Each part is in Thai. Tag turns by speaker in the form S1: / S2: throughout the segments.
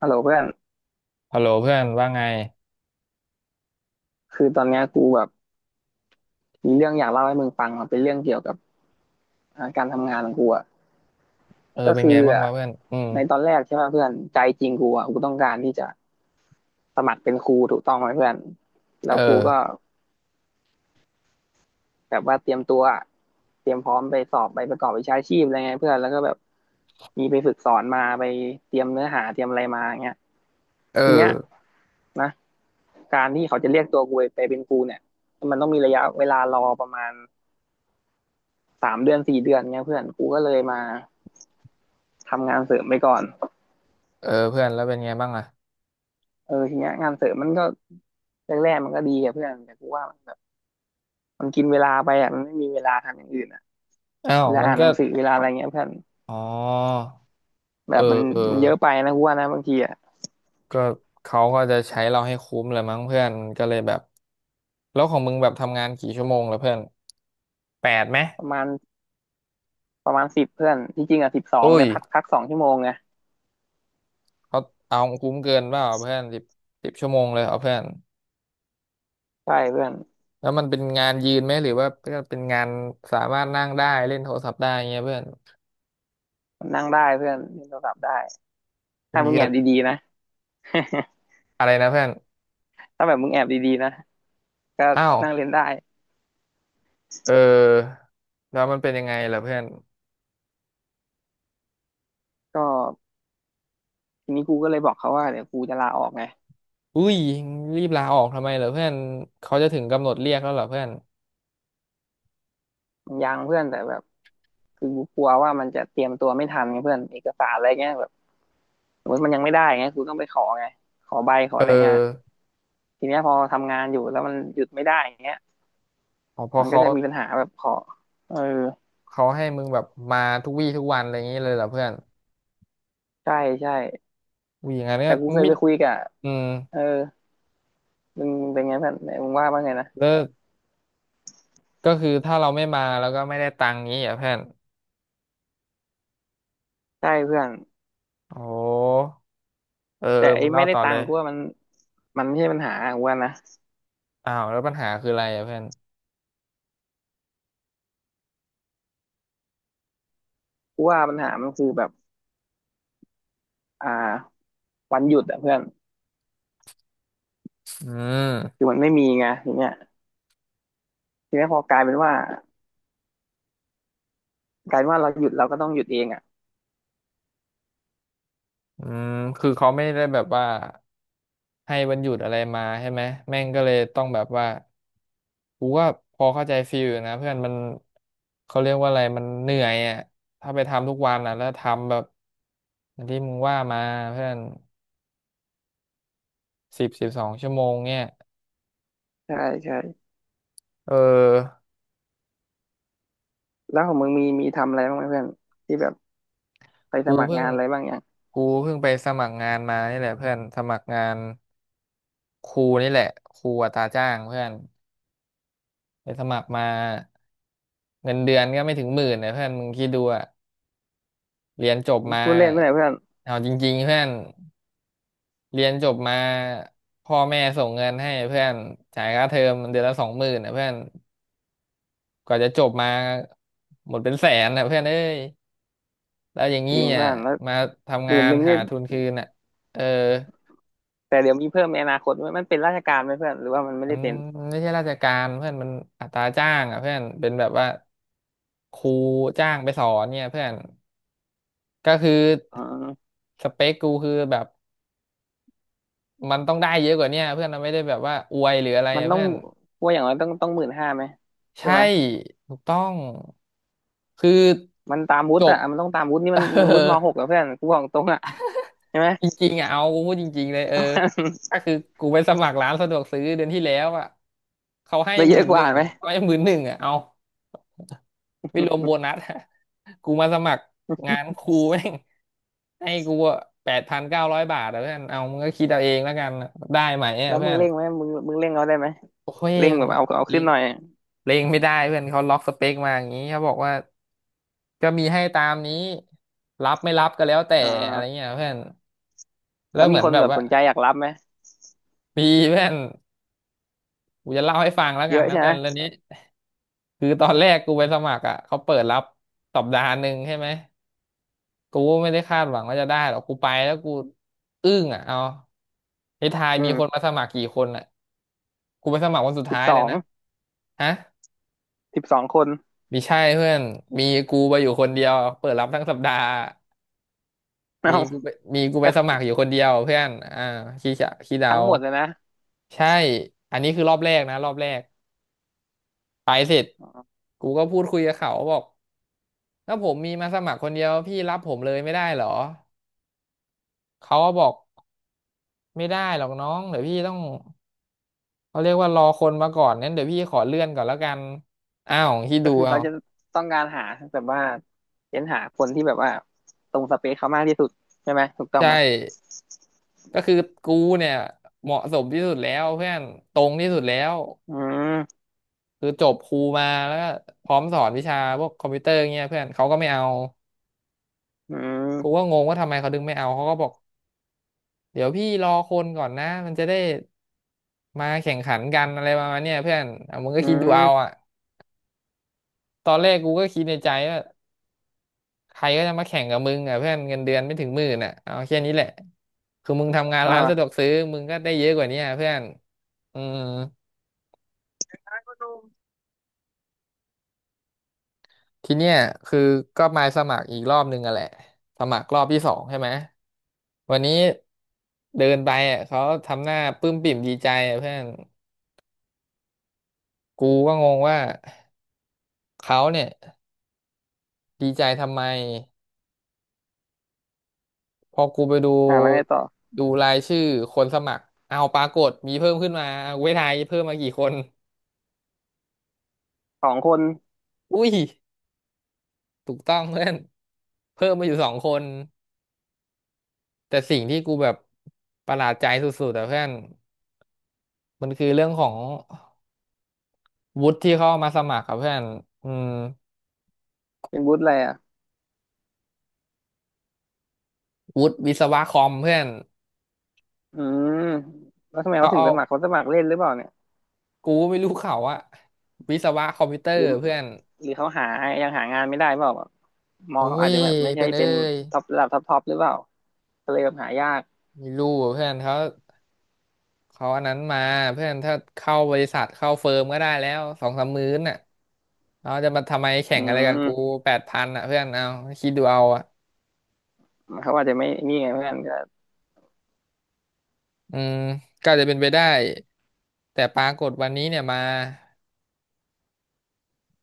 S1: ฮัลโหลเพื่อน
S2: ฮัลโหลเพื่อนว่าไง
S1: คือตอนเนี้ยกูแบบมีเรื่องอยากเล่าให้มึงฟังมันเป็นเรื่องเกี่ยวกับการทำงานของกูอ่ะ
S2: เออ
S1: ก็
S2: เป็น
S1: คื
S2: ไง
S1: อ
S2: บ้าง
S1: อ่ะ
S2: วะเพื่อนอืม
S1: ในตอนแรกใช่ป่ะเพื่อนใจจริงกูอ่ะกูต้องการที่จะสมัครเป็นครูถูกต้องไหมเพื่อนแล้
S2: เอ
S1: วกูก็
S2: อ
S1: แบบว่าเตรียมตัวอะเตรียมพร้อมไปสอบไปประกอบวิชาชีพอะไรไงเพื่อนแล้วก็แบบมีไปฝึกสอนมาไปเตรียมเนื้อหาเตรียมอะไรมาอย่างเงี้ย
S2: เอ
S1: ทีเนี้ย
S2: อ
S1: นะการที่เขาจะเรียกตัวกูไปเป็นครูเนี่ยมันต้องมีระยะเวลารอประมาณ 3 เดือน 4 เดือนเงี้ยเพื่อนกูก็เลยมาทำงานเสริมไปก่อน
S2: เออเพื่อนแล้วเป็นไงบ้างอ่ะ
S1: เออทีเนี้ยงานเสริมมันก็แรกๆมันก็ดีอะเพื่อนแต่กูว่ามันแบบมันกินเวลาไปอะมันไม่มีเวลาทำอย่างอื่นอะ
S2: อ้าว
S1: เวลา
S2: มัน
S1: อ่านห
S2: ก็
S1: นังสือเวลาอะไรเงี้ยเพื่อน
S2: อ๋อ
S1: แบ
S2: เอ
S1: บมั
S2: อ
S1: น
S2: เออ
S1: มันเยอะไปนะกูว่านะบางทีอะ
S2: ก็เขาก็จะใช้เราให้คุ้มเลยมั้งเพื่อนก็เลยแบบแล้วของมึงแบบทำงานกี่ชั่วโมงแล้วเพื่อนแปดไหม
S1: ประมาณประมาณสิบเพื่อนที่จริงอะสิบสอง
S2: อุ้ย
S1: แต่พัก2 ชั่วโมงไง
S2: เขาเอาคุ้มเกินเปล่าเพื่อนสิบชั่วโมงเลยเอาเพื่อน
S1: ใช่เพื่อน
S2: แล้วมันเป็นงานยืนไหมหรือว่าเป็นงานสามารถนั่งได้เล่นโทรศัพท์ได้เงี้ยเพื่อน
S1: มันนั่งได้เพื่อนเล่นโทรศัพท์ได้
S2: อุ้
S1: ถ้า
S2: ย
S1: มึงแอ
S2: ก็
S1: บดีๆนะ
S2: อะไรนะเพื่อน
S1: ถ้าแบบมึงแอบดีๆนะก็
S2: อ้าว
S1: นั่งเล่นได้
S2: เออ แล้วมันเป็นยังไงล่อเพื่อน
S1: ก็ทีนี้กูก็เลยบอกเขาว่าเดี๋ยวกูจะลาออกไง
S2: อุ้ยรีบลาออกทำไมเหรอเพื่อนเขาจะถึงกำหนดเรียกแล้วเหรอเพื่อน
S1: มันยังเพื่อนแต่แบบ คือกูกลัวว่ามันจะเตรียมตัวไม่ทันไงเพื่อนเอกสารอะไรเงี้ยแบบสมมติมันยังไม่ได้เงี้ยกูต้องไปขอไงขอใบขอ
S2: เอ
S1: อะไรเงี้ย
S2: อ
S1: ทีเนี้ยพอทำงานอยู่แล้วมันหยุดไม่ได้อย่างเงี้ย
S2: อ๋อพอ
S1: มันก็
S2: เขา
S1: จะมีปัญหาแบบขอเออ
S2: เขาให้มึงแบบมาทุกวี่ทุกวันอะไรอย่างนี้เลยเหรอเพื่อน
S1: ใช่ใช่
S2: อุ้ยอย่างนั้น
S1: แต่กู
S2: ก็
S1: เคย
S2: มิ
S1: ไปคุยกับ
S2: อืม
S1: เออมึงเป็นไงเพื่อนมึงว่าบ่าไงนะ
S2: แล้วก็คือถ้าเราไม่มาแล้วก็ไม่ได้ตังค์งี้เหรอ่ะเพื่อน
S1: ใช่เพื่อน
S2: โอ้เออ
S1: แต่
S2: เออ
S1: ไอ้
S2: มึงเล่า
S1: ไม่ได้
S2: ต่อ
S1: ตั
S2: เล
S1: ง
S2: ย
S1: ค์กูว่ามันมันไม่ใช่ปัญหากูว่านะ
S2: อ้าวแล้วปัญหาคืออะไรอ่ะเพื่อน
S1: กูว่าปัญหามันคือแบบอ่าวันหยุดอะเพื่อน
S2: อื
S1: คื
S2: ม
S1: อมันไม่มีไงทยเนี้ยทีเนี้ยพอกลายเป็นว่ากลายเป็นว่าเราหยุดเราก็ต้องหยุดเองอะ
S2: อืมคือเขาไม่ได้แบบว่าให้วันหยุดอะไรมาใช่ไหมแม่งก็เลยต้องแบบว่า กูก็พอเข้าใจฟีลอยู่นะเพื่อนมันเขาเรียกว่าอะไรมันเหนื่อยอ่ะถ้าไปทำทุกวันอ่ะแล้วทำแบบอย่างที่มึงว่ามาเพื่อนสิบสองชั่วโมงเนี่ย
S1: ใช่ใช่
S2: เออ
S1: แล้วของมึงมีมีทำอะไรบ้างไหมเพื่อนที่แบบไปส
S2: กู
S1: มัคร
S2: เพิ่
S1: งา
S2: ง
S1: นอะไรบ้างอย่าง
S2: กูเพิ่งไปสมัครงานมานี่แหละเพื่อนสมัครงานครูนี่แหละครูอัตราจ้างเพื่อนไปสมัครมาเงินเดือนก็ไม่ถึงหมื่นนะเพื่อนมึงคิดดูอะเรียนจบมา
S1: พูดเล่นไม่ไหนเพื่อน
S2: เอาจริงๆเพื่อน เรียนจบมาพ่อแม่ส่งเงินให้เพื่อนจ่ายค่าเทอมเดือนละ20,000นะเพื่อนกว่าจะจบมาหมดเป็นแสนนะเพื่อนเอ้ยแล้วอย่างงี้
S1: ยิง
S2: อ่ะ
S1: เพื่อนแล้ว
S2: มา
S1: ห
S2: ทำงา
S1: มื่น
S2: น
S1: หนึ่ง
S2: หา
S1: นี่
S2: ทุนคืนอ่ะเออ
S1: แต่เดี๋ยวมีเพิ่มในอนาคตไหมมันเป็นราชการไหมเพื่อนหรือว่ามันไม่
S2: มั
S1: ได้
S2: น
S1: เป็น
S2: ไม่ใช่ราชการเพื่อนมันอัตราจ้างอ่ะเพื่อนเป็นแบบว่าครูจ้างไปสอนเนี่ยเพื่อนก็คือ
S1: อ๋อ
S2: สเปคกูคือแบบมันต้องได้เยอะกว่าเนี้ยเพื่อนมันไม่ได้แบบว่าอวยหรืออะไร
S1: มัน
S2: อ่ะ
S1: ต้อง
S2: เพื่อน
S1: ว่าอย่างไรต้อง15,000ไหมใช่
S2: ใช่
S1: ไหม
S2: ถูกต้องคือ
S1: มันตามวุ
S2: จ
S1: ฒิ
S2: บ
S1: อ่ะมันต้องตามวุฒินี่ มัน
S2: เอ
S1: วุฒิม
S2: อ
S1: หกอะเพื่อนกูบอกตรงอ่ะใช่ไหม
S2: จริงๆอ่ะเอากูพูดจริงๆเลยเออก็คือกูไปสมัครร้านสะดวกซื้อเดือนที่แล้วอ่ะเขาให้
S1: ได้
S2: ห
S1: เย
S2: มื่
S1: อะ
S2: น
S1: ก
S2: ห
S1: ว่า
S2: นึ่ง
S1: ไหม
S2: ไม่หมื่นหนึ่งอ่ะเอาไม่รวมโบนัสอะกูมาสมัครงานครูแม่งให้กู8,900 บาทอ่ะเพื่อนเอามึงก็คิดเอาเองแล้วกันได้ไหมอ่ะ
S1: แล้ว
S2: เพื่
S1: มึ
S2: อ
S1: ง
S2: น
S1: เร่งไหมมึงเร่งเอาได้ไหม
S2: โอ้ย
S1: เร่ง
S2: มั
S1: แบ
S2: น
S1: บเอา
S2: เล
S1: ขึ้น
S2: ง
S1: หน่อย
S2: เลงไม่ได้เพื่อนเขาล็อกสเปคมาอย่างนี้เขาบอกว่าก็มีให้ตามนี้รับไม่รับก็แล้วแต่
S1: อ่
S2: อะไร
S1: า
S2: เงี้ยเพื่อน
S1: แล้
S2: แล้ว
S1: ว
S2: เห
S1: มี
S2: มือน
S1: คน
S2: แบบ
S1: แบบ
S2: ว่า
S1: สนใจอยากรับไหม
S2: มีเพื่อนกูจะเล่าให้ฟังแล้ว
S1: เย
S2: กัน
S1: อะ
S2: นะ
S1: ใช่ไห
S2: เพื่
S1: ม
S2: อนเรื่องนี้คือตอนแรกกูไปสมัครอ่ะเขาเปิดรับสัปดาห์หนึ่งใช่ไหมกูไม่ได้คาดหวังว่าจะได้หรอกกูไปแล้วกูอึ้งอ่ะเอาไอ้ทาย
S1: อื
S2: มี
S1: ม
S2: คนมาสมัครกี่คนอ่ะกูไปสมัครวันสุด
S1: สิบ
S2: ท้าย
S1: ส
S2: เล
S1: อ
S2: ย
S1: ง
S2: นะฮะ
S1: สิบสองคน
S2: มีใช่เพื่อนมีกูไปอยู่คนเดียวเปิดรับทั้งสัปดาห์ มี
S1: เอา
S2: กูไปส
S1: ก็
S2: มัครอยู่คนเดียวเพื่อนอ่าขี้จะขี้เดา
S1: ทั้งหมดเลยนะ
S2: ใช่อันนี้คือรอบแรกนะรอบแรกไปเสร็จ
S1: อ๋อ
S2: กูก็พูดคุยกับเขาบอกถ้าผมมีมาสมัครคนเดียวพี่รับผมเลยไม่ได้เหรอเขาก็บอกไม่ได้หรอกน้องเดี๋ยวพี่ต้องเขาเรียกว่ารอคนมาก่อนงั้นเดี๋ยวพี่ขอเลื่อนก่อนแล้วกันอ้าวที่
S1: ก็
S2: ดู
S1: คือ
S2: เอา
S1: เขาจะต้องการหาแบบว่าเน้นหาคนที่แบบว่าตรงสเปคเขามากที่สุดใช่ไหมถูกต้อง
S2: ใช่
S1: ไหม
S2: ก็คือกูเนี่ยเหมาะสมที่สุดแล้วเพื่อนตรงที่สุดแล้ว
S1: อืม
S2: คือจบครูมาแล้วก็พร้อมสอนวิชาพวกคอมพิวเตอร์เงี้ยเพื่อนเขาก็ไม่เอา
S1: อื
S2: กูก็
S1: ม
S2: งงว่าทำไมเขาดึงไม่เอาเขาก็บอกเดี๋ยวพี่รอคนก่อนนะมันจะได้มาแข่งขันกันอะไรประมาณเนี้ยเพื่อนอ่ะมึงก็
S1: อื
S2: คิดดูเอาอ่ะ
S1: ม
S2: ตอนแรกกูก็คิดในใจว่าใครก็จะมาแข่งกับมึงอ่ะเพื่อนเงินเดือนไม่ถึงหมื่นอ่ะเอาแค่นี้แหละคือมึงทำงานร้านสะดว
S1: อ่า
S2: กซื้อมึงก็ได้เยอะกว่านี้อ่ะเพื่อนอืม
S1: อ
S2: ทีเนี้ยคือก็มาสมัครอีกรอบนึงอะแหละสมัครรอบที่สองใช่ไหมวันนี้เดินไปอ่ะเขาทำหน้าปลื้มปิ่มดีใจอ่ะเพื่อนกูก็งงว่าเขาเนี่ยดีใจทำไมพอกูไปดู
S1: ่าแล้วไงต่อ
S2: ดูรายชื่อคนสมัครเอาปรากฏมีเพิ่มขึ้นมาเอาเวทายเพิ่มมากี่คน
S1: สองคน
S2: อุ้ยถูกต้องเพื่อนเพิ่มมาอยู่2 คนแต่สิ่งที่กูแบบประหลาดใจสุดๆแต่เพื่อนมันคือเรื่องของ วุฒิที่เขาเอามาสมัครครับเพื่อนอืม
S1: เป็นบุฒอะไรอ่ะ
S2: วุฒิวิศวะคอมเพื่อน
S1: อืมแล้วทำไม
S2: เขา
S1: เขาถึง
S2: เอา
S1: สมัครเขาสมัครเล่นหรือเปล่าเนี่ย
S2: กูไม่รู้เขาอะวิศวะคอมพิวเตอ
S1: หรื
S2: ร์
S1: อ
S2: เพื่อน
S1: หรือเขาหายังหางานไม่ได้เปล่าแบบมอ
S2: โอ้
S1: งเขาอาจ
S2: ย
S1: จะแบบไม่ใช่
S2: เพื่อนเอ้
S1: เป็น
S2: ย
S1: ท็อประดับท็อปท็อปหรือเปล่าก็เลยแบบหายาก
S2: ไม่รู้อะเพื่อนเขาอันนั้นมาเพื่อนถ้าเข้าบริษัทเข้าเฟิร์มก็ได้แล้วสองสามมื้อน่ะเราจะมาทำไมแข่
S1: อื
S2: งอะไรกับกู
S1: ม
S2: แปดพันอ่ะเพื่อนเอาคิดดูเอาอ่ะ
S1: เขาอาจจะไม่นี่ไงเพื่อนก็
S2: อืมก็จะเป็นไปได้แต่ปรากฏวันนี้เนี่ยมา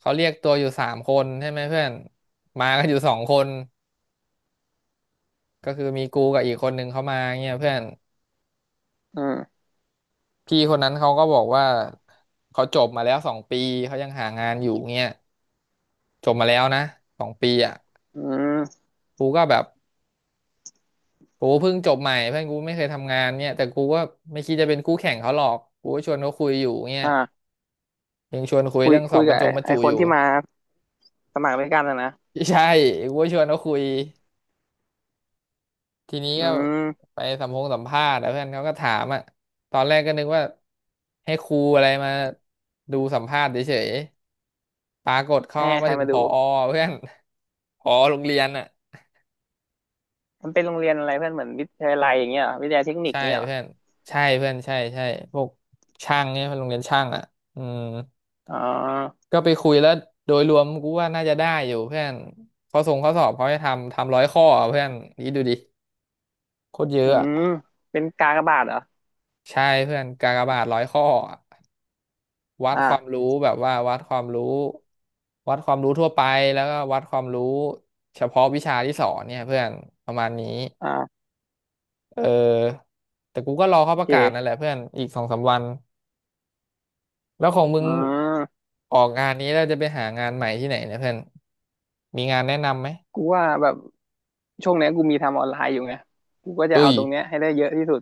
S2: เขาเรียกตัวอยู่สามคนใช่ไหมเพื่อนมากันอยู่สองคน ก็คือมีกูกับอีกคนนึงเขามาเงี้ยเพื่อน
S1: อืม
S2: พี่คนนั้นเขาก็บอกว่าเขาจบมาแล้วสองปีเขายังหางานอยู่เงี้ยจบมาแล้วนะสองปีอ่ะ
S1: อืม
S2: กูก็แบบกูเพิ่งจบใหม่เพื่อนกูไม่เคยทำงานเนี่ยแต่กูก็ไม่คิดจะเป็นคู่แข่งเขาหรอกกูก็ชวนเขาคุยอยู่เงี้ย
S1: อ่า
S2: ยังชวนคุย
S1: คุย
S2: เรื่องสอ
S1: คุย
S2: บบร
S1: กับ
S2: รจ
S1: ไอ้
S2: งบรร
S1: ไอ้
S2: จุ
S1: ค
S2: อ
S1: น
S2: ยู่
S1: ที่มา สมัครไม่กล้านอะนะ
S2: ใช่กูก็ชวนเขาคุยทีนี้
S1: อื
S2: ก็
S1: ม
S2: ไปสัมภาษณ์แล้วเพื่อนเขาก็ถามอ่ะตอนแรกก็นึกว่าให้ครูอะไรมาดูสัมภาษณ์เฉย ปรากฏเข้า
S1: ให้
S2: มา
S1: ใคร
S2: ถึง
S1: มา
S2: ผ
S1: ดู
S2: อเพื่อน ผอโรงเรียนอ่ะ
S1: มันเป็นโรงเรียนอะไรเพื่อนเหมือนวิทยาลัยอย่างเงี้ยเหรอวิทยาลัยเทคนิค
S2: ใช่
S1: เงี้ยเหรอ
S2: เพื่อนใช่เพื่อนใช่ใช่พวกช่างเนี่ยเพื่อนโรงเรียนช่างอ่ะอืม
S1: อ๋อ
S2: ก็ไปคุยแล้วโดยรวมกูว่าน่าจะได้อยู่เพื่อนข้อสอบเขาให้ทำร้อยข้ออะเพื่อนนี่ดูดิโคตรเย
S1: อื
S2: อะอะ
S1: มเป็นกากบาทเหรอ
S2: ใช่เพื่อนกากบาทร้อยข้ออะวัดความ
S1: อ่า
S2: รู้แบบว่าวัดความรู้วัดความรู้ทั่วไปแล้วก็วัดความรู้เฉพาะวิชาที่สอนเนี่ยเพื่อนประมาณนี้
S1: อ่า
S2: เออแต่กูก็รอเขา
S1: โอ
S2: ประกาศนั่นแห
S1: เค
S2: ละเพื่อนอีกสองสามวันแล้วของมึ
S1: อื
S2: ง
S1: ม
S2: ออกงานนี้แล้วจะไปหางานใหม่ที่ไหนเนี่ยเพื่อนมีงานแนะนำไหม
S1: กูว่าแบบช่วงเนี้ยกูมีทำออนไลน์อยู่ไงกูก็จะ
S2: อุ้
S1: เอา
S2: ย
S1: ตรงเนี้ยให้ได้เยอะที่สุด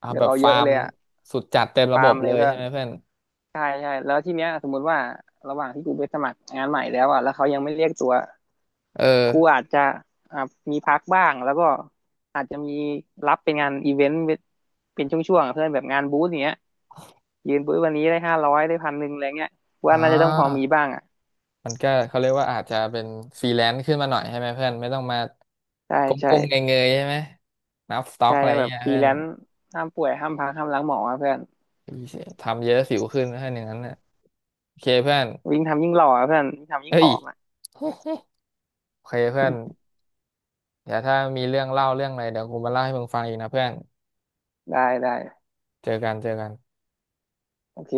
S2: อ่า
S1: อยา
S2: แบ
S1: ก
S2: บ
S1: เอาเย
S2: ฟา
S1: อะ
S2: ร์ม
S1: เลยอะ
S2: สุดจัดเต็มระ
S1: ฟา
S2: บ
S1: ร์
S2: บ
S1: มเล
S2: เล
S1: ย
S2: ย
S1: เพื่
S2: ใช่
S1: อน
S2: ไหมเพื่อน
S1: ใช่ใช่แล้วทีเนี้ยสมมุติว่าระหว่างที่กูไปสมัครงานใหม่แล้วอะแล้วเขายังไม่เรียกตัว
S2: เออ
S1: ครูอาจจะอ่ามีพักบ้างแล้วก็อาจจะมีรับเป็นงานอีเวนต์เป็นช่วงๆอะเพื่อนแบบงานบูธอย่างเงี้ยยืนบูธวันนี้ได้500ได้1,100อะไรเงี้ยว่า
S2: อ่
S1: น่าจะต้องพอมี
S2: า
S1: บ้างอ่ะ
S2: มันก็เขาเรียกว่าอาจจะเป็นฟรีแลนซ์ขึ้นมาหน่อยใช่ไหมเพื่อนไม่ต้องมา
S1: ใช่
S2: ก
S1: ใช่
S2: ้มๆเงยๆใช่ไหมนับสต็อก
S1: ใช่
S2: อะไร
S1: แบบ
S2: เงี้ย
S1: ฟรี
S2: เพื่อ
S1: แล
S2: น
S1: นซ์ห้ามป่วยห้ามพักห้ามล้างหมออะเพื่อน
S2: ทำเยอะสิวขึ้นนะเพื่อนอย่างนั้นน่ะโอเคเพื่อน
S1: วิ่งทำยิ่งหล่ออะเพื่อนวิ่งทำยิ่ง
S2: เฮ้
S1: ผ
S2: ย
S1: อมอ่ะ
S2: โอเคเพื่อน เดี๋ยวถ้ามีเรื่องเล่าเรื่องอะไรเดี๋ยวกูมาเล่าให้มึงฟังอีกนะเพื่อน
S1: ได้ได้
S2: เจอกันเจอกัน
S1: โอเค